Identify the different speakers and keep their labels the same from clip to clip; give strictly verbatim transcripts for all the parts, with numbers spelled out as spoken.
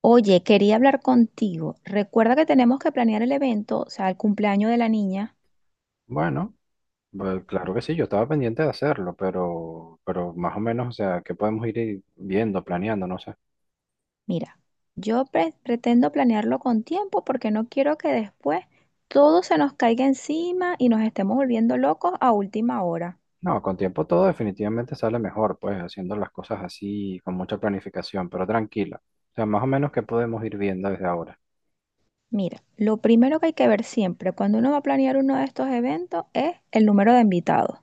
Speaker 1: Oye, quería hablar contigo. Recuerda que tenemos que planear el evento, o sea, el cumpleaños de la niña.
Speaker 2: Bueno, pues claro que sí, yo estaba pendiente de hacerlo, pero, pero más o menos, o sea, que podemos ir i- viendo, planeando, no sé.
Speaker 1: Mira, yo pre- pretendo planearlo con tiempo porque no quiero que después todo se nos caiga encima y nos estemos volviendo locos a última hora.
Speaker 2: No, con tiempo todo definitivamente sale mejor, pues haciendo las cosas así, con mucha planificación, pero tranquila. O sea, más o menos que podemos ir viendo desde ahora.
Speaker 1: Mira, lo primero que hay que ver siempre cuando uno va a planear uno de estos eventos es el número de invitados.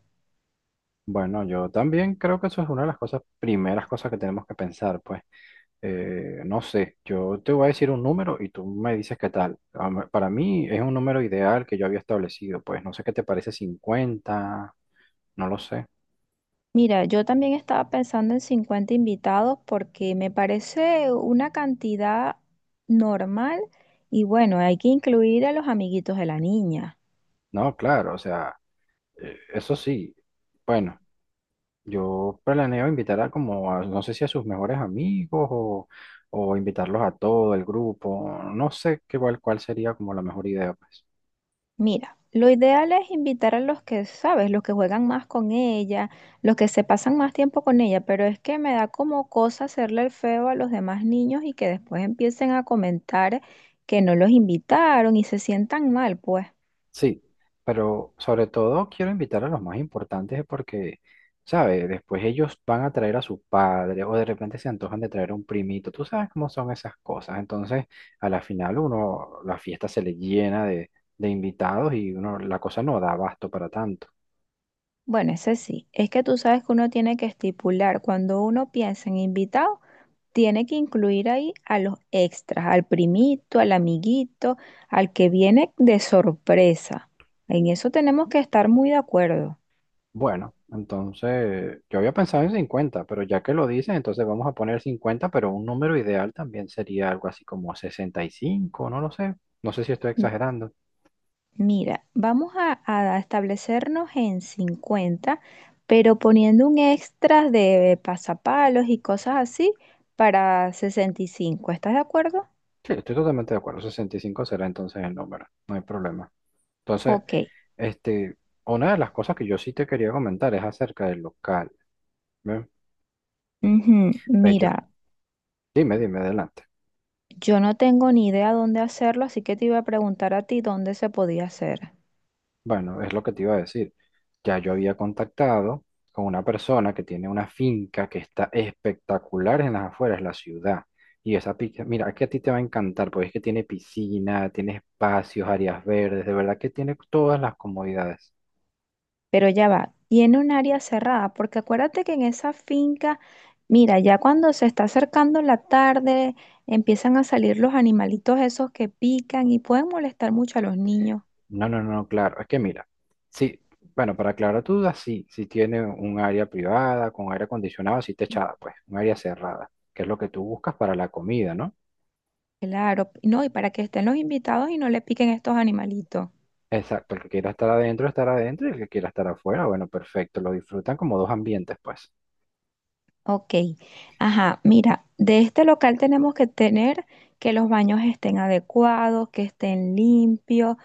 Speaker 2: Bueno, yo también creo que eso es una de las cosas, primeras cosas que tenemos que pensar, pues. Eh, no sé, yo te voy a decir un número y tú me dices qué tal. A mí- Para mí es un número ideal que yo había establecido, pues no sé qué te parece cincuenta, no lo sé.
Speaker 1: Mira, yo también estaba pensando en cincuenta invitados porque me parece una cantidad normal y bueno, hay que incluir a los amiguitos de la niña.
Speaker 2: No, claro, o sea, eh, eso sí. Bueno, yo planeo invitar a como, a- no sé si a sus mejores amigos o, o invitarlos a todo el grupo. No sé qué, cuál, cuál sería como la mejor idea, pues.
Speaker 1: Mira, lo ideal es invitar a los que, sabes, los que juegan más con ella, los que se pasan más tiempo con ella, pero es que me da como cosa hacerle el feo a los demás niños y que después empiecen a comentar que no los invitaron y se sientan mal, pues.
Speaker 2: Sí, pero sobre todo quiero invitar a los más importantes porque, ¿sabes? Después ellos van a traer a su padre o de repente se antojan de traer a un primito. Tú sabes cómo son esas cosas. Entonces, a la final uno, la fiesta se le llena de, de invitados y uno, la cosa no da abasto para tanto.
Speaker 1: Bueno, ese sí. Es que tú sabes que uno tiene que estipular, cuando uno piensa en invitado, tiene que incluir ahí a los extras, al primito, al amiguito, al que viene de sorpresa. En eso tenemos que estar muy de acuerdo.
Speaker 2: Bueno, entonces yo había pensado en cincuenta, pero ya que lo dices, entonces vamos a poner cincuenta, pero un número ideal también sería algo así como sesenta y cinco, no lo sé. No sé si estoy
Speaker 1: M-
Speaker 2: exagerando.
Speaker 1: Mira, vamos a, a establecernos en cincuenta, pero poniendo un extra de pasapalos y cosas así para sesenta y cinco. ¿Estás de acuerdo?
Speaker 2: Sí, estoy totalmente de acuerdo. Sesenta y cinco será entonces el número, no hay problema. Entonces,
Speaker 1: Ok.
Speaker 2: este, una de las cosas que yo sí te quería comentar es acerca del local. ¿Ve?
Speaker 1: Ujú.
Speaker 2: Ve, yo-
Speaker 1: Mira.
Speaker 2: dime, dime, adelante.
Speaker 1: Yo no tengo ni idea dónde hacerlo, así que te iba a preguntar a ti dónde se podía hacer.
Speaker 2: Bueno, es lo que te iba a decir. Ya yo había contactado con una persona que tiene una finca que está espectacular en las afueras de la ciudad. Y esa finca, mira, es que a ti te va a encantar, porque es que tiene piscina, tiene espacios, áreas verdes, de verdad que tiene todas las comodidades.
Speaker 1: Pero ya va, tiene un área cerrada, porque acuérdate que en esa finca, mira, ya cuando se está acercando la tarde, empiezan a salir los animalitos esos que pican y pueden molestar mucho a los niños.
Speaker 2: No, no, no, claro. Es que mira, sí, bueno, para aclarar tu duda, sí, sí tiene un área privada con aire acondicionado, sí techada, pues, un área cerrada, que es lo que tú buscas para la comida, ¿no?
Speaker 1: Claro, no, y para que estén los invitados y no le piquen estos animalitos.
Speaker 2: Exacto, el que quiera estar adentro, estar adentro, y el que quiera estar afuera, bueno, perfecto, lo disfrutan como dos ambientes, pues.
Speaker 1: Ok, ajá, mira, de este local tenemos que tener que los baños estén adecuados, que estén limpios,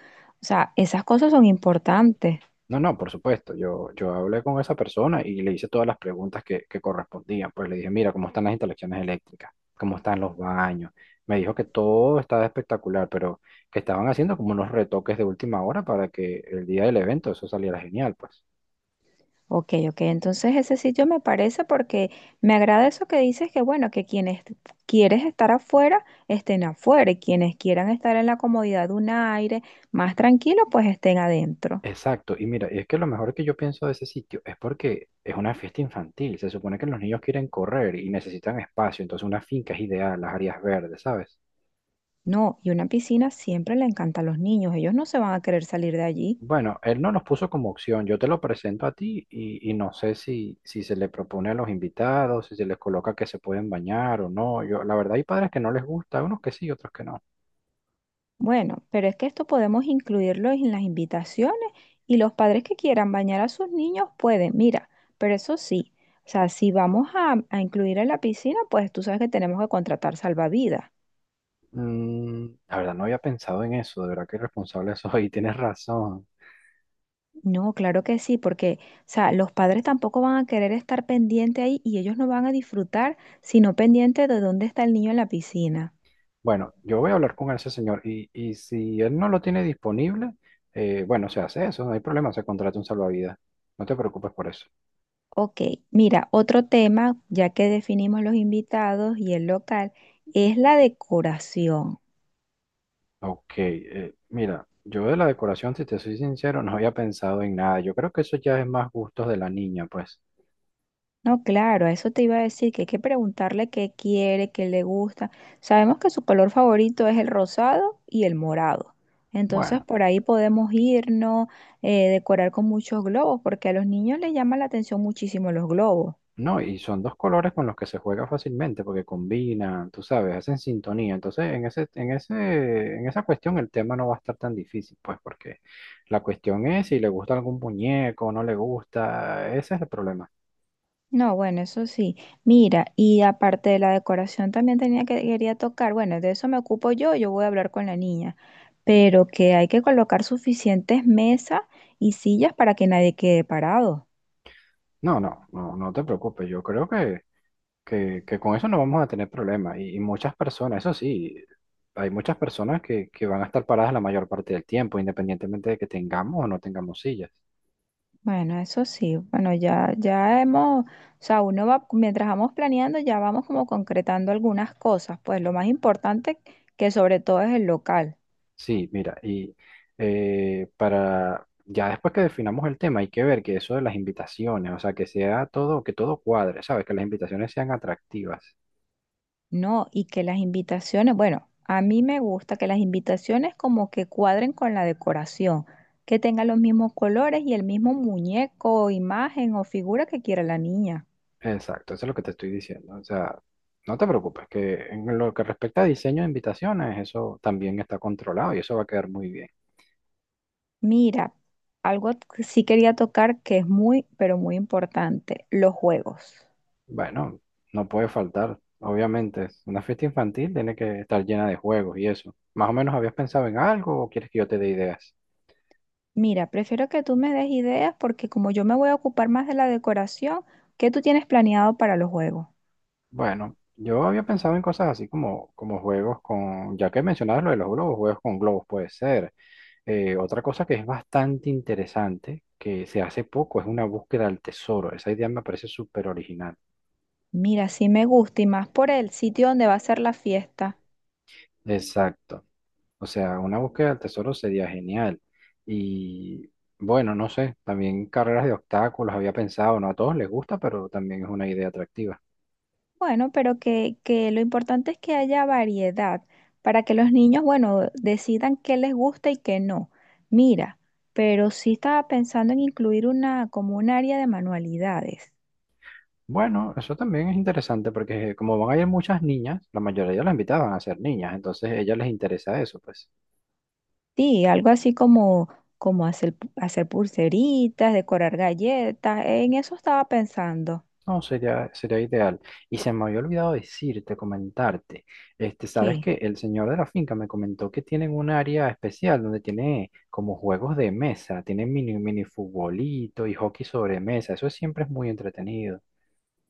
Speaker 1: o sea, esas cosas son importantes.
Speaker 2: No, no, por supuesto. Yo, yo hablé con esa persona y le hice todas las preguntas que, que correspondían. Pues le dije, mira, ¿cómo están las instalaciones eléctricas? ¿Cómo están los baños? Me dijo que todo estaba espectacular, pero que estaban haciendo como unos retoques de última hora para que el día del evento eso saliera genial, pues.
Speaker 1: Ok, ok, entonces ese sitio me parece porque me agrada eso que dices que bueno, que quienes quieres estar afuera, estén afuera y quienes quieran estar en la comodidad de un aire más tranquilo, pues estén adentro.
Speaker 2: Exacto. Y mira, es que lo mejor que yo pienso de ese sitio es porque es una fiesta infantil. Se supone que los niños quieren correr y necesitan espacio, entonces una finca es ideal, las áreas verdes, ¿sabes?
Speaker 1: No, y una piscina siempre le encanta a los niños, ellos no se van a querer salir de allí.
Speaker 2: Bueno, él no nos puso como opción, yo te lo presento a ti y, y no sé si, si se le propone a los invitados, si se les coloca que se pueden bañar o no. Yo, la verdad hay padres que no les gusta, unos que sí, otros que no.
Speaker 1: Bueno, pero es que esto podemos incluirlo en las invitaciones y los padres que quieran bañar a sus niños pueden, mira, pero eso sí, o sea, si vamos a, a incluir en la piscina, pues tú sabes que tenemos que contratar salvavidas.
Speaker 2: Mm, la verdad no había pensado en eso, de verdad que irresponsable soy, tienes razón.
Speaker 1: No, claro que sí, porque, o sea, los padres tampoco van a querer estar pendiente ahí y ellos no van a disfrutar, sino pendiente de dónde está el niño en la piscina.
Speaker 2: Bueno, yo voy a hablar con ese señor y, y si él no lo tiene disponible, eh, bueno, se hace eso, no hay problema, se contrata un salvavidas. No te preocupes por eso.
Speaker 1: Ok, mira, otro tema, ya que definimos los invitados y el local, es la decoración.
Speaker 2: Ok, eh, mira, yo de la decoración, si te soy sincero, no había pensado en nada. Yo creo que eso ya es más gustos de la niña, pues.
Speaker 1: No, claro, a eso te iba a decir, que hay que preguntarle qué quiere, qué le gusta. Sabemos que su color favorito es el rosado y el morado. Entonces
Speaker 2: Bueno,
Speaker 1: por ahí podemos irnos, eh, decorar con muchos globos, porque a los niños les llama la atención muchísimo los globos.
Speaker 2: no, y son dos colores con los que se juega fácilmente porque combinan, tú sabes, hacen sintonía. Entonces, en ese, en ese, en esa cuestión el tema no va a estar tan difícil, pues, porque la cuestión es si le gusta algún muñeco, no le gusta, ese es el problema.
Speaker 1: No, bueno, eso sí. Mira, y aparte de la decoración también tenía que quería tocar. Bueno, de eso me ocupo yo, yo voy a hablar con la niña. Pero que hay que colocar suficientes mesas y sillas para que nadie quede parado.
Speaker 2: No, no, no, no te preocupes. Yo creo que que, que con eso no vamos a tener problemas. Y, y muchas personas, eso sí, hay muchas personas que, que van a estar paradas la mayor parte del tiempo, independientemente de que tengamos o no tengamos sillas.
Speaker 1: Bueno, eso sí, bueno, ya, ya hemos, o sea, uno va, mientras vamos planeando, ya vamos como concretando algunas cosas, pues lo más importante que sobre todo es el local,
Speaker 2: Sí, mira, y eh, para ya después que definamos el tema, hay que ver que eso de las invitaciones, o sea, que sea todo, que todo cuadre, ¿sabes? Que las invitaciones sean atractivas.
Speaker 1: ¿no? Y que las invitaciones, bueno, a mí me gusta que las invitaciones como que cuadren con la decoración, que tengan los mismos colores y el mismo muñeco, imagen o figura que quiera la niña.
Speaker 2: Exacto, eso es lo que te estoy diciendo. O sea, no te preocupes, que en lo que respecta a diseño de invitaciones, eso también está controlado y eso va a quedar muy bien.
Speaker 1: Mira, algo que sí quería tocar que es muy, pero muy importante, los juegos.
Speaker 2: Bueno, no puede faltar, obviamente. Una fiesta infantil tiene que estar llena de juegos y eso. ¿Más o menos habías pensado en algo o quieres que yo te dé ideas?
Speaker 1: Mira, prefiero que tú me des ideas porque como yo me voy a ocupar más de la decoración, ¿qué tú tienes planeado para los juegos?
Speaker 2: Bueno, yo había pensado en cosas así como, como juegos con, ya que mencionabas lo de los globos, juegos con globos puede ser. Eh, otra cosa que es bastante interesante, que se hace poco, es una búsqueda al tesoro. Esa idea me parece súper original.
Speaker 1: Mira, sí me gusta y más por el sitio donde va a ser la fiesta.
Speaker 2: Exacto. O sea, una búsqueda del tesoro sería genial. Y bueno, no sé, también carreras de obstáculos había pensado, no a todos les gusta, pero también es una idea atractiva.
Speaker 1: Bueno, pero que, que lo importante es que haya variedad para que los niños, bueno, decidan qué les gusta y qué no. Mira, pero sí estaba pensando en incluir una como un área de manualidades.
Speaker 2: Bueno, eso también es interesante porque como van a ir muchas niñas, la mayoría las invitaban a ser niñas, entonces a ellas les interesa eso, pues.
Speaker 1: Sí, algo así como como hacer, hacer pulseritas, decorar galletas, en eso estaba pensando.
Speaker 2: No, sería, sería ideal. Y se me había olvidado decirte, comentarte. Este, sabes
Speaker 1: ¿Qué?
Speaker 2: que el señor de la finca me comentó que tienen un área especial donde tiene como juegos de mesa, tiene mini, mini futbolito y hockey sobre mesa. Eso siempre es muy entretenido.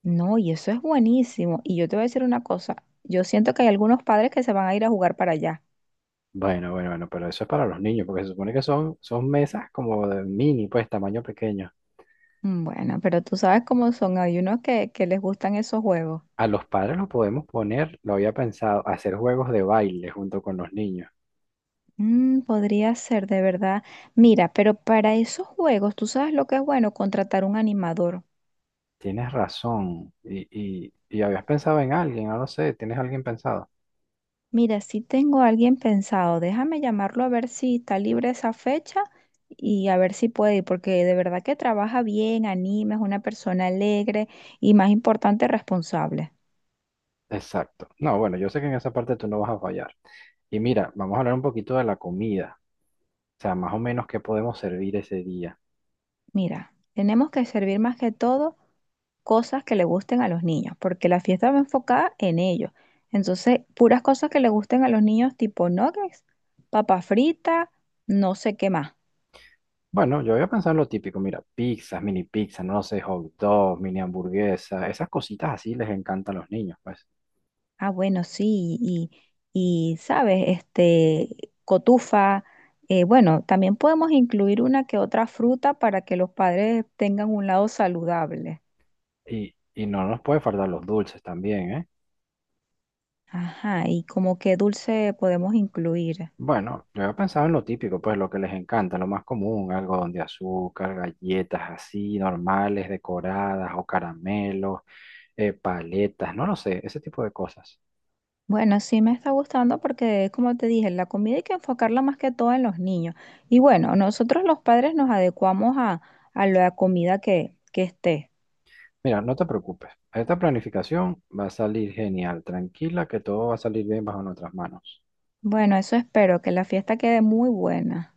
Speaker 1: No, y eso es buenísimo. Y yo te voy a decir una cosa, yo siento que hay algunos padres que se van a ir a jugar para allá.
Speaker 2: Bueno, bueno, bueno, pero eso es para los niños, porque se supone que son, son mesas como de mini, pues tamaño pequeño.
Speaker 1: Mm, bueno, pero tú sabes cómo son, hay unos que, que les gustan esos juegos.
Speaker 2: A los padres los podemos poner, lo había pensado, hacer juegos de baile junto con los niños.
Speaker 1: Mm, podría ser, de verdad. Mira, pero para esos juegos, tú sabes lo que es bueno, contratar un animador.
Speaker 2: Tienes razón. Y, y, y habías pensado en alguien, no lo sé, ¿tienes alguien pensado?
Speaker 1: Mira, si tengo a alguien pensado, déjame llamarlo a ver si está libre esa fecha y a ver si puede ir, porque de verdad que trabaja bien, anima, es una persona alegre y más importante, responsable.
Speaker 2: Exacto. No, bueno, yo sé que en esa parte tú no vas a fallar. Y mira, vamos a hablar un poquito de la comida. O sea, más o menos qué podemos servir ese día.
Speaker 1: Mira, tenemos que servir más que todo cosas que le gusten a los niños, porque la fiesta va enfocada en ellos. Entonces, puras cosas que le gusten a los niños, tipo nuggets, papa frita, no sé qué más.
Speaker 2: Bueno, yo había pensado en lo típico, mira, pizzas, mini pizzas, no lo sé, hot dogs, mini hamburguesas, esas cositas así les encantan a los niños, pues.
Speaker 1: Ah, bueno, sí, y, y sabes, este, cotufa. Eh, bueno, también podemos incluir una que otra fruta para que los padres tengan un lado saludable.
Speaker 2: Y, y no nos puede faltar los dulces también, ¿eh?
Speaker 1: Ajá, y como qué dulce podemos incluir.
Speaker 2: Bueno, yo había pensado en lo típico, pues lo que les encanta, lo más común, algodón de azúcar, galletas así, normales, decoradas o caramelos, eh, paletas, no lo sé, ese tipo de cosas.
Speaker 1: Bueno, sí me está gustando porque, como te dije, la comida hay que enfocarla más que todo en los niños. Y bueno, nosotros los padres nos adecuamos a, a la comida que, que esté.
Speaker 2: Mira, no te preocupes, esta planificación va a salir genial, tranquila, que todo va a salir bien bajo nuestras manos.
Speaker 1: Bueno, eso espero, que la fiesta quede muy buena.